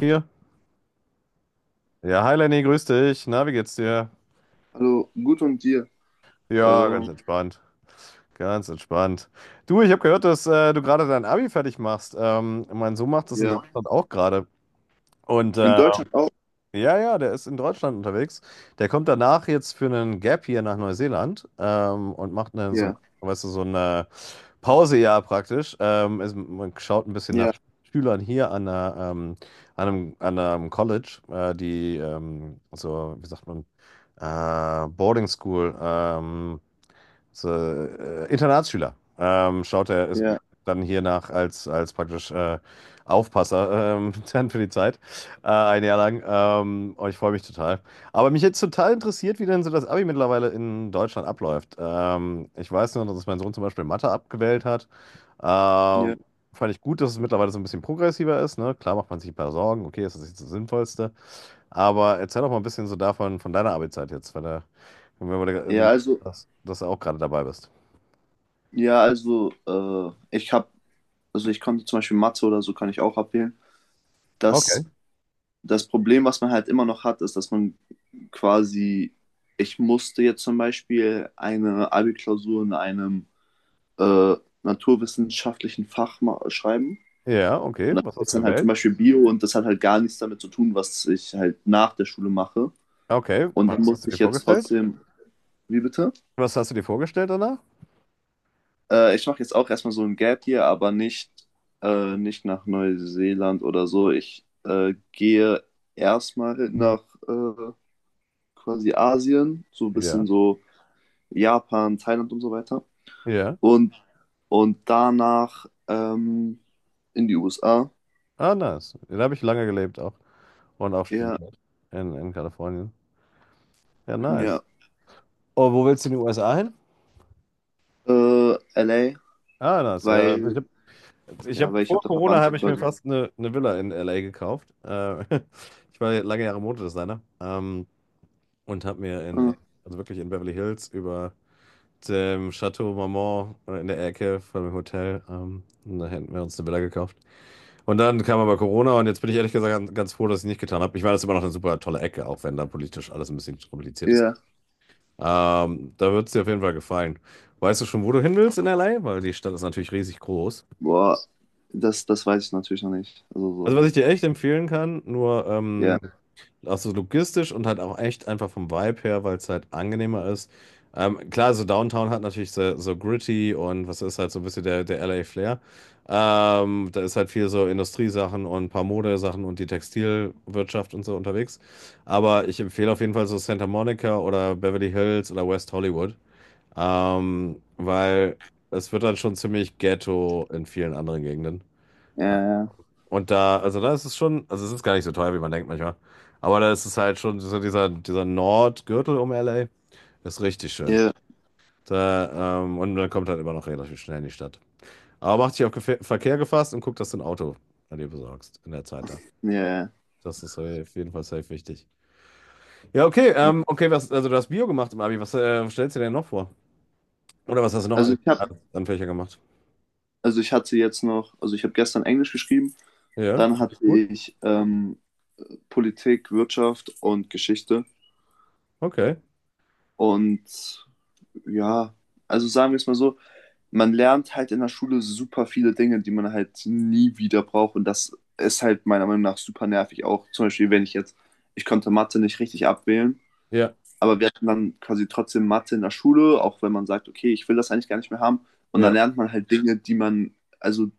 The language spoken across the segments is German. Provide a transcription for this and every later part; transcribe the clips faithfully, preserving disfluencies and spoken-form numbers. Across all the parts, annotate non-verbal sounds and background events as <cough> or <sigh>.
Hier. Ja, hi Lenny, grüß dich. Na, wie geht's dir? Hallo, gut und dir? Ja, Ähm, ganz entspannt. Ganz entspannt. Du, ich habe gehört, dass äh, du gerade dein Abi fertig machst. Ähm, mein Sohn macht das in ja. Deutschland auch gerade. Und In äh, Deutschland auch? ja, ja, der ist in Deutschland unterwegs. Der kommt danach jetzt für einen Gap hier nach Neuseeland ähm, und macht eine, so, Ja, weißt du, so eine Pause ja praktisch. Ähm, ist, man schaut ein bisschen nach ja, Schülern hier an, einer, ähm, an, einem, an einem College, äh, die ähm, so, wie sagt man, äh, Boarding School ähm, ist, äh, Internatsschüler. Ähm, schaut er ist ja, dann hier nach als, als praktisch äh, Aufpasser ähm, <laughs> dann für die Zeit. Äh, ein Jahr lang. Ähm, oh, ich freue mich total. Aber mich jetzt total interessiert, wie denn so das Abi mittlerweile in Deutschland abläuft. Ähm, ich weiß nur, dass mein Sohn zum Beispiel Mathe abgewählt hat. ja. Ähm, Fand ich gut, dass es mittlerweile so ein bisschen progressiver ist. Ne? Klar macht man sich ein paar Sorgen. Okay, ist das nicht das Sinnvollste? Aber erzähl doch mal ein bisschen so davon, von deiner Abi-Zeit jetzt. Weil da, wenn wir, du Ja, meinst, also, dass, dass du auch gerade dabei bist. ja, also, äh, ich hab, also ich konnte zum Beispiel Mathe oder so kann ich auch abwählen. Okay. Das, das Problem, was man halt immer noch hat, ist, dass man quasi, ich musste jetzt zum Beispiel eine Abi-Klausur in einem äh, naturwissenschaftlichen Fach ma- schreiben. Ja, okay. Und das Was hast ist du dann halt zum gewählt? Beispiel Bio und das hat halt gar nichts damit zu tun, was ich halt nach der Schule mache. Okay. Und dann Was hast du musste dir ich jetzt vorgestellt? trotzdem. Wie bitte? Was hast du dir vorgestellt danach? Äh, ich mache jetzt auch erstmal so ein Gap hier, aber nicht, äh, nicht nach Neuseeland oder so. Ich äh, gehe erstmal nach äh, quasi Asien, so ein Ja. bisschen so Japan, Thailand und so weiter. Ja. Und, und danach ähm, in die U S A. Ah, nice. Ja, da habe ich lange gelebt auch. Und auch Ja, studiert. In, in Kalifornien. Ja, ja. nice. Oh, wo willst du in die U S A hin? Äh, L A, Ah, nice. Ja, also ich weil, habe ich ja, hab, weil ich vor habe da Corona Verwandte habe ich mir quasi. fast eine, eine Villa in L A gekauft. Äh, <laughs> ich war lange Jahre Modedesigner. Ähm, und habe mir in, Ah, also wirklich in Beverly Hills über dem Chateau Marmont äh, in der Ecke von dem Hotel. Ähm, und da hätten wir uns eine Villa gekauft. Und dann kam aber Corona und jetzt bin ich ehrlich gesagt ganz, froh, dass ich es nicht getan habe. Ich meine, das ist immer noch eine super tolle Ecke, auch wenn da politisch alles ein bisschen kompliziert ist. ja, Ähm, da wird es dir auf jeden Fall gefallen. Weißt du schon, wo du hin willst in L A? Weil die Stadt ist natürlich riesig groß. boah, das, das weiß ich natürlich noch nicht. Also so, Also was ich dir echt empfehlen kann, nur ja, ähm, auch so logistisch und halt auch echt einfach vom Vibe her, weil es halt angenehmer ist. Ähm, klar, so Downtown hat natürlich so, so gritty und was ist halt so ein bisschen der, der L A Flair. Ähm, da ist halt viel so Industriesachen und ein paar Modesachen und die Textilwirtschaft und so unterwegs. Aber ich empfehle auf jeden Fall so Santa Monica oder Beverly Hills oder West Hollywood, ähm, weil es wird dann schon ziemlich Ghetto in vielen anderen Gegenden. ja, ja. Und da, also da ist es schon, also es ist gar nicht so teuer, wie man denkt manchmal. Aber da ist es halt schon, so dieser, dieser Nordgürtel um L A ist richtig Ja, schön. ja. Da, ähm, und dann kommt halt immer noch relativ schnell in die Stadt. Aber mach dich auf Gefe- Verkehr gefasst und guck, dass du ein Auto an dir besorgst in der Zeit da. Ja, ja. Das ist auf jeden Fall safe wichtig. Ja, okay, ähm, okay, was, also du hast Bio gemacht im Abi. Was äh, stellst du dir denn noch vor? Oder was hast du noch Also an, ich habe, an Fächer gemacht? also ich hatte jetzt noch, also ich habe gestern Englisch geschrieben, Ja, dann hatte gut, ich ähm, Politik, Wirtschaft und Geschichte. okay. Und ja, also sagen wir es mal so, man lernt halt in der Schule super viele Dinge, die man halt nie wieder braucht. Und das ist halt meiner Meinung nach super nervig. Auch zum Beispiel, wenn ich jetzt, ich konnte Mathe nicht richtig abwählen, Ja, aber wir hatten dann quasi trotzdem Mathe in der Schule, auch wenn man sagt, okay, ich will das eigentlich gar nicht mehr haben. Und dann ja, lernt man halt Dinge, die man, also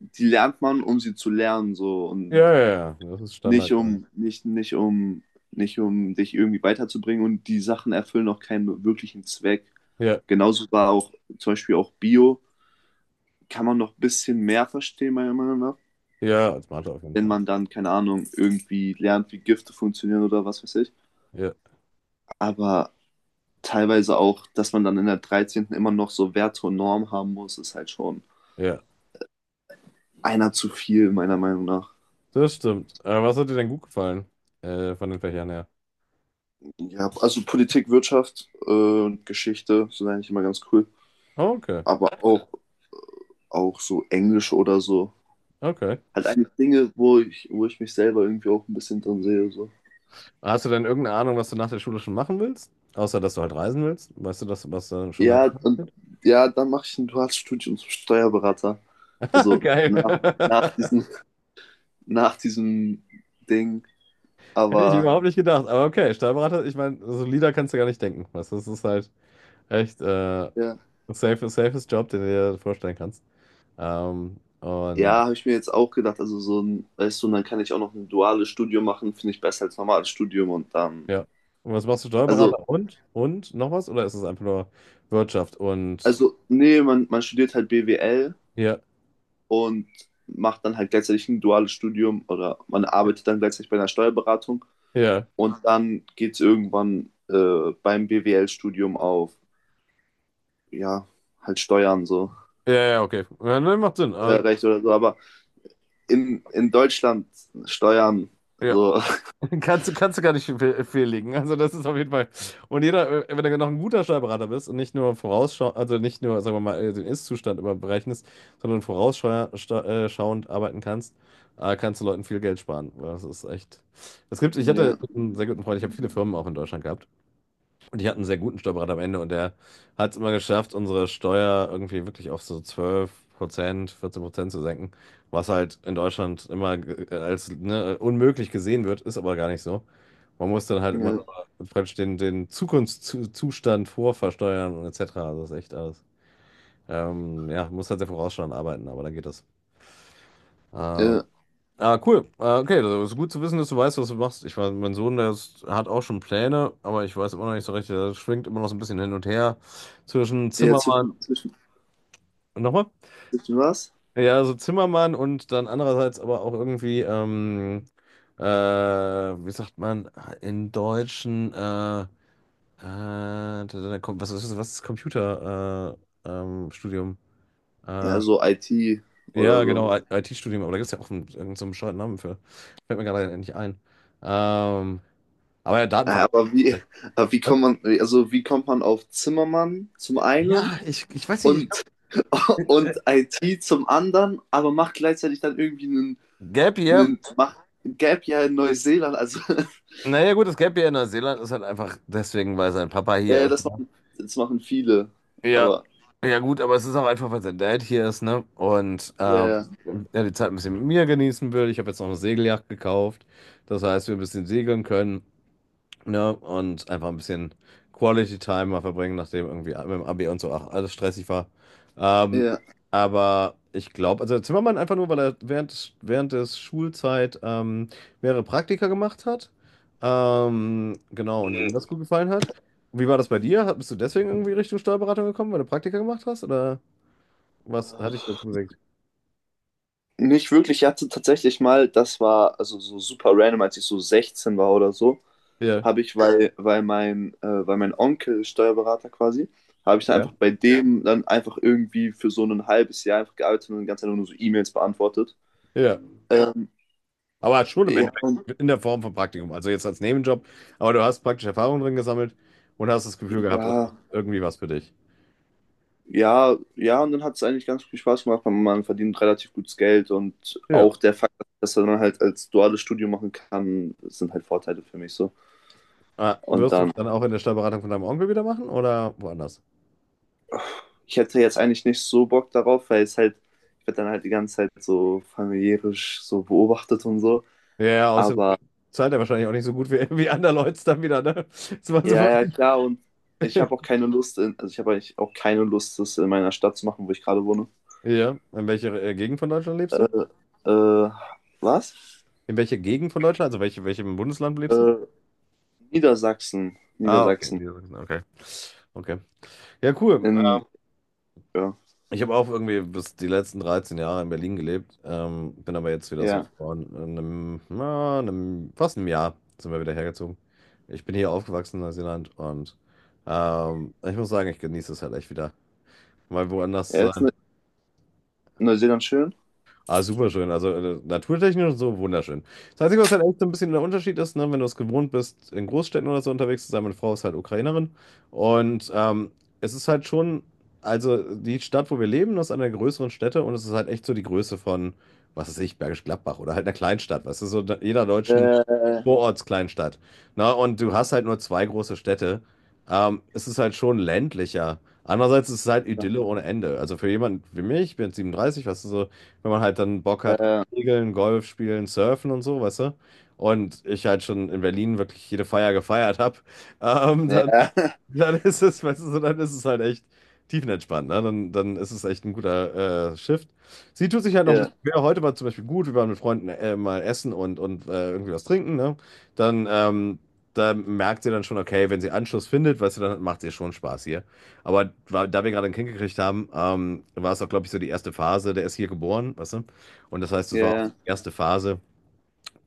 die lernt man, um sie zu lernen, so und ja, ja, ja. Das ist nicht Standard. um, nicht, nicht um, nicht um dich irgendwie weiterzubringen und die Sachen erfüllen auch keinen wirklichen Zweck. Ja, Genauso war auch zum Beispiel auch Bio, kann man noch ein bisschen mehr verstehen, meiner Meinung nach, ja, als Mathe auf jeden wenn Fall. man dann, keine Ahnung, irgendwie lernt, wie Gifte funktionieren oder was weiß ich. Ja, Aber teilweise auch, dass man dann in der dreizehnten immer noch so Werte und Normen haben muss, ist halt schon ja, einer zu viel, meiner Meinung nach. das stimmt. Aber was hat dir denn gut gefallen? Äh, von den Fächern her. Ja, also Politik, Wirtschaft äh, und Geschichte sind eigentlich immer ganz cool. Oh, okay, Aber auch, auch so Englisch oder so. okay. Halt eigentlich Dinge, wo ich, wo ich mich selber irgendwie auch ein bisschen drin sehe. So. Hast du denn irgendeine Ahnung, was du nach der Schule schon machen willst? Außer, dass du halt reisen willst? Weißt du, das, was du schon Ja, deine und <laughs> ja, dann mache ich ein duales Studium zum Steuerberater. Also geil. nach, nach diesem, <laughs> nach diesem Ding. <laughs> Hätte ich Aber überhaupt nicht gedacht. Aber okay, Steuerberater, ich meine, solider kannst du gar nicht denken. Weißt du, das ist halt echt äh, ja, safe, safest Job, den du dir vorstellen kannst. Ähm, und ja habe ich mir jetzt auch gedacht, also so ein, weißt du, und dann kann ich auch noch ein duales Studium machen, finde ich besser als normales Studium und dann. ja. Und was machst du, Also, Steuerberater? Und? Und noch was? Oder ist es einfach nur Wirtschaft? Und also, nee, man, man studiert halt B W L ja. und macht dann halt gleichzeitig ein duales Studium oder man arbeitet dann gleichzeitig bei einer Steuerberatung Ja, und dann geht es irgendwann äh, beim B W L-Studium auf, ja, halt Steuern so, ja, ja, okay. Ja, ne, macht Sinn. Äh, Steuerrecht oder so, aber in, in Deutschland Steuern Ja. so, <laughs> Kannst, du- kannst du gar nicht fe- fehllegen. Also das ist auf jeden Fall. Und jeder, äh, wenn du noch ein guter Steuerberater bist und nicht nur vorausschau, also nicht nur, sagen wir mal, äh, den Ist-Zustand überberechnest, sondern vorausschauend arbeiten kannst, äh, kannst du Leuten viel Geld sparen. Das ist echt. Es gibt, ich hatte <laughs> ja, einen sehr guten Freund, ich habe viele Firmen auch in Deutschland gehabt. Und ich hatte einen sehr guten Steuerberater am Ende und der hat es immer geschafft, unsere Steuer irgendwie wirklich auf so zwölf Prozent, vierzehn Prozent zu senken, was halt in Deutschland immer ge- äh, als ne, unmöglich gesehen wird, ist aber gar nicht so. Man muss dann halt immer ja, noch praktisch den, den Zukunftszustand vorversteuern und et cetera. Also das ist echt alles. Ähm, ja, muss halt sehr vorausschauend arbeiten, aber dann geht das. Ähm, ja, Ah, cool. Ah, okay, also ist gut zu wissen, dass du weißt, was du machst. Ich weiß, mein Sohn, der ist, hat auch schon Pläne, aber ich weiß immer noch nicht so recht. Der schwingt immer noch so ein bisschen hin und her zwischen ja Zimmermann. zwischen, zwischen, Nochmal? zwischen was? Ja, also Zimmermann und dann andererseits aber auch irgendwie, ähm, äh, wie sagt man, in Deutschen, äh, äh, da- da kommt- was ist, was ist Computer, äh, ähm, Studium? Ja, Äh, so I T oder ja, so. genau, I T-Studium, aber da gibt es ja auch einen, irgendeinen so einen bescheuerten Namen für. Fällt mir gerade nicht ein. Ähm, Aber ja, Ja, Datenverarbeitung. Aber wie, aber wie Was? kommt man, also wie kommt man auf Zimmermann zum einen Ja, ich, ich weiß nicht, ich glaube, und, <laughs> und I T zum anderen, aber macht gleichzeitig dann irgendwie einen, Gap Year, einen macht ein Gap Year in Neuseeland. Also <laughs> naja gut, das Gap Year in Neuseeland ist halt einfach deswegen, weil sein Papa hier ja, ist. das Ne? machen, das machen viele. Ja, Aber ja gut, aber es ist auch einfach, weil sein Dad hier ist, ne? Und ähm, ja, er die Zeit ein bisschen mit mir genießen will. Ich habe jetzt noch eine Segeljacht gekauft. Das heißt, wir ein bisschen segeln können. Ja, und einfach ein bisschen Quality Time mal verbringen, nachdem irgendwie mit dem Abi und so auch alles stressig war. Ähm, ja, aber ich glaube, also Zimmermann einfach nur, weil er während, des- während des Schulzeit ähm, mehrere Praktika gemacht hat. Ähm, genau, und ihm das gut gefallen hat. Wie war das bei dir? Hat- Bist du deswegen irgendwie Richtung Steuerberatung gekommen, weil du Praktika gemacht hast? Oder was hat dich ja. dazu bewegt? Nicht wirklich. Ich hatte tatsächlich mal, das war also so super random, als ich so sechzehn war oder so, Ja, habe ich, weil, weil, mein, äh, weil mein Onkel Steuerberater quasi, habe ich dann ja, einfach bei dem dann einfach irgendwie für so ein halbes Jahr einfach gearbeitet und die ganze Zeit nur so E-Mails beantwortet. ja. Ähm, Aber schon im ja, Endeffekt und in der Form von Praktikum. Also jetzt als Nebenjob. Aber du hast praktisch Erfahrung drin gesammelt und hast das Gefühl gehabt, das ja, ist irgendwie was für dich. ja, ja, und dann hat es eigentlich ganz viel Spaß gemacht. Man, man verdient relativ gutes Geld und Ja. auch der Fakt, dass man halt als duales Studium machen kann, sind halt Vorteile für mich so. Ah, Und wirst du dann, es dann auch in der Steuerberatung von deinem Onkel wieder machen oder woanders? ich hätte jetzt eigentlich nicht so Bock darauf, weil es halt, ich werde dann halt die ganze Zeit so familiärisch so beobachtet und so. Ja, ja, außerdem Aber zahlt er wahrscheinlich auch nicht so gut wie, wie andererorts dann wieder, ne? Das war so- ja, voll- ja, klar, und ich habe auch keine Lust, in, also ich habe eigentlich auch keine Lust, das in meiner Stadt zu machen, wo ich gerade wohne. Ja. In welcher äh, Gegend von Deutschland lebst Äh, du? äh, Was? In welcher Gegend von Deutschland? Also welche, welchem Bundesland lebst du? Äh, Niedersachsen. Ah, okay. Niedersachsen. Okay. Okay. Ja, cool. In, ja, Ich habe auch irgendwie bis die letzten dreizehn Jahre in Berlin gelebt, ähm, bin aber jetzt wieder so ja. vor einem, na, einem, fast einem Jahr sind wir wieder hergezogen. Ich bin hier aufgewachsen in Neuseeland und ähm, ich muss sagen, ich genieße es halt echt wieder, mal woanders zu Er ist sein. in Neuseeland schön. Ah, super schön. Also äh, naturtechnisch und so wunderschön. Das Einzige, was halt echt so ein bisschen der Unterschied ist, ne, wenn du es gewohnt bist, in Großstädten oder so unterwegs zu sein, meine Frau ist halt Ukrainerin. Und ähm, es ist halt schon, also die Stadt, wo wir leben, das ist eine der größeren Städte und es ist halt echt so die Größe von, was weiß ich, Bergisch Gladbach oder halt einer Kleinstadt, weißt du, so da- jeder deutschen Äh, Vorortskleinstadt. Na, und du hast halt nur zwei große Städte. Ähm, es ist halt schon ländlicher. Andererseits ist es halt ja. Idylle ohne Ende. Also für jemanden wie mich, ich bin jetzt siebenunddreißig, weißt du, so, wenn man halt dann Bock hat auf äh, Segeln, Golf spielen, Surfen und so, weißt du, und ich halt schon in Berlin wirklich jede Feier gefeiert habe, <laughs> ähm, dann, ja, <laughs> dann ist es, weißt du, so, dann ist es halt echt tiefenentspannt, ne? Dann, dann ist es echt ein guter äh, Shift. Sie tut sich halt noch ein ja, bisschen schwer. Heute war zum Beispiel gut, wir waren mit Freunden äh, mal essen und, und äh, irgendwie was trinken, ne? Dann ähm, da merkt sie dann schon, okay, wenn sie Anschluss findet, weißt du, dann macht ihr schon Spaß hier. Aber wa- da wir gerade ein Kind gekriegt haben, ähm, war es auch, glaube ich, so die erste Phase. Der ist hier geboren, weißt du? Und das heißt, es ja, war auch ja, die erste Phase,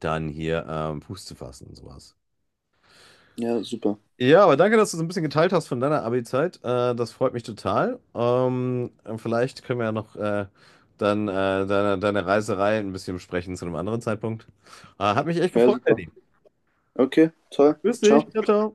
dann hier ähm, Fuß zu fassen und sowas. ja, super. Ja, aber danke, dass du so ein bisschen geteilt hast von deiner Abi-Zeit. Äh, das freut mich total. Ähm, vielleicht können wir ja noch äh, dann äh, deine, deine Reiserei ein bisschen besprechen zu einem anderen Zeitpunkt. Äh, hat mich echt Ja, gefreut, super. Eddie. Okay, toll. Grüß dich. Ciao. Ciao, ciao.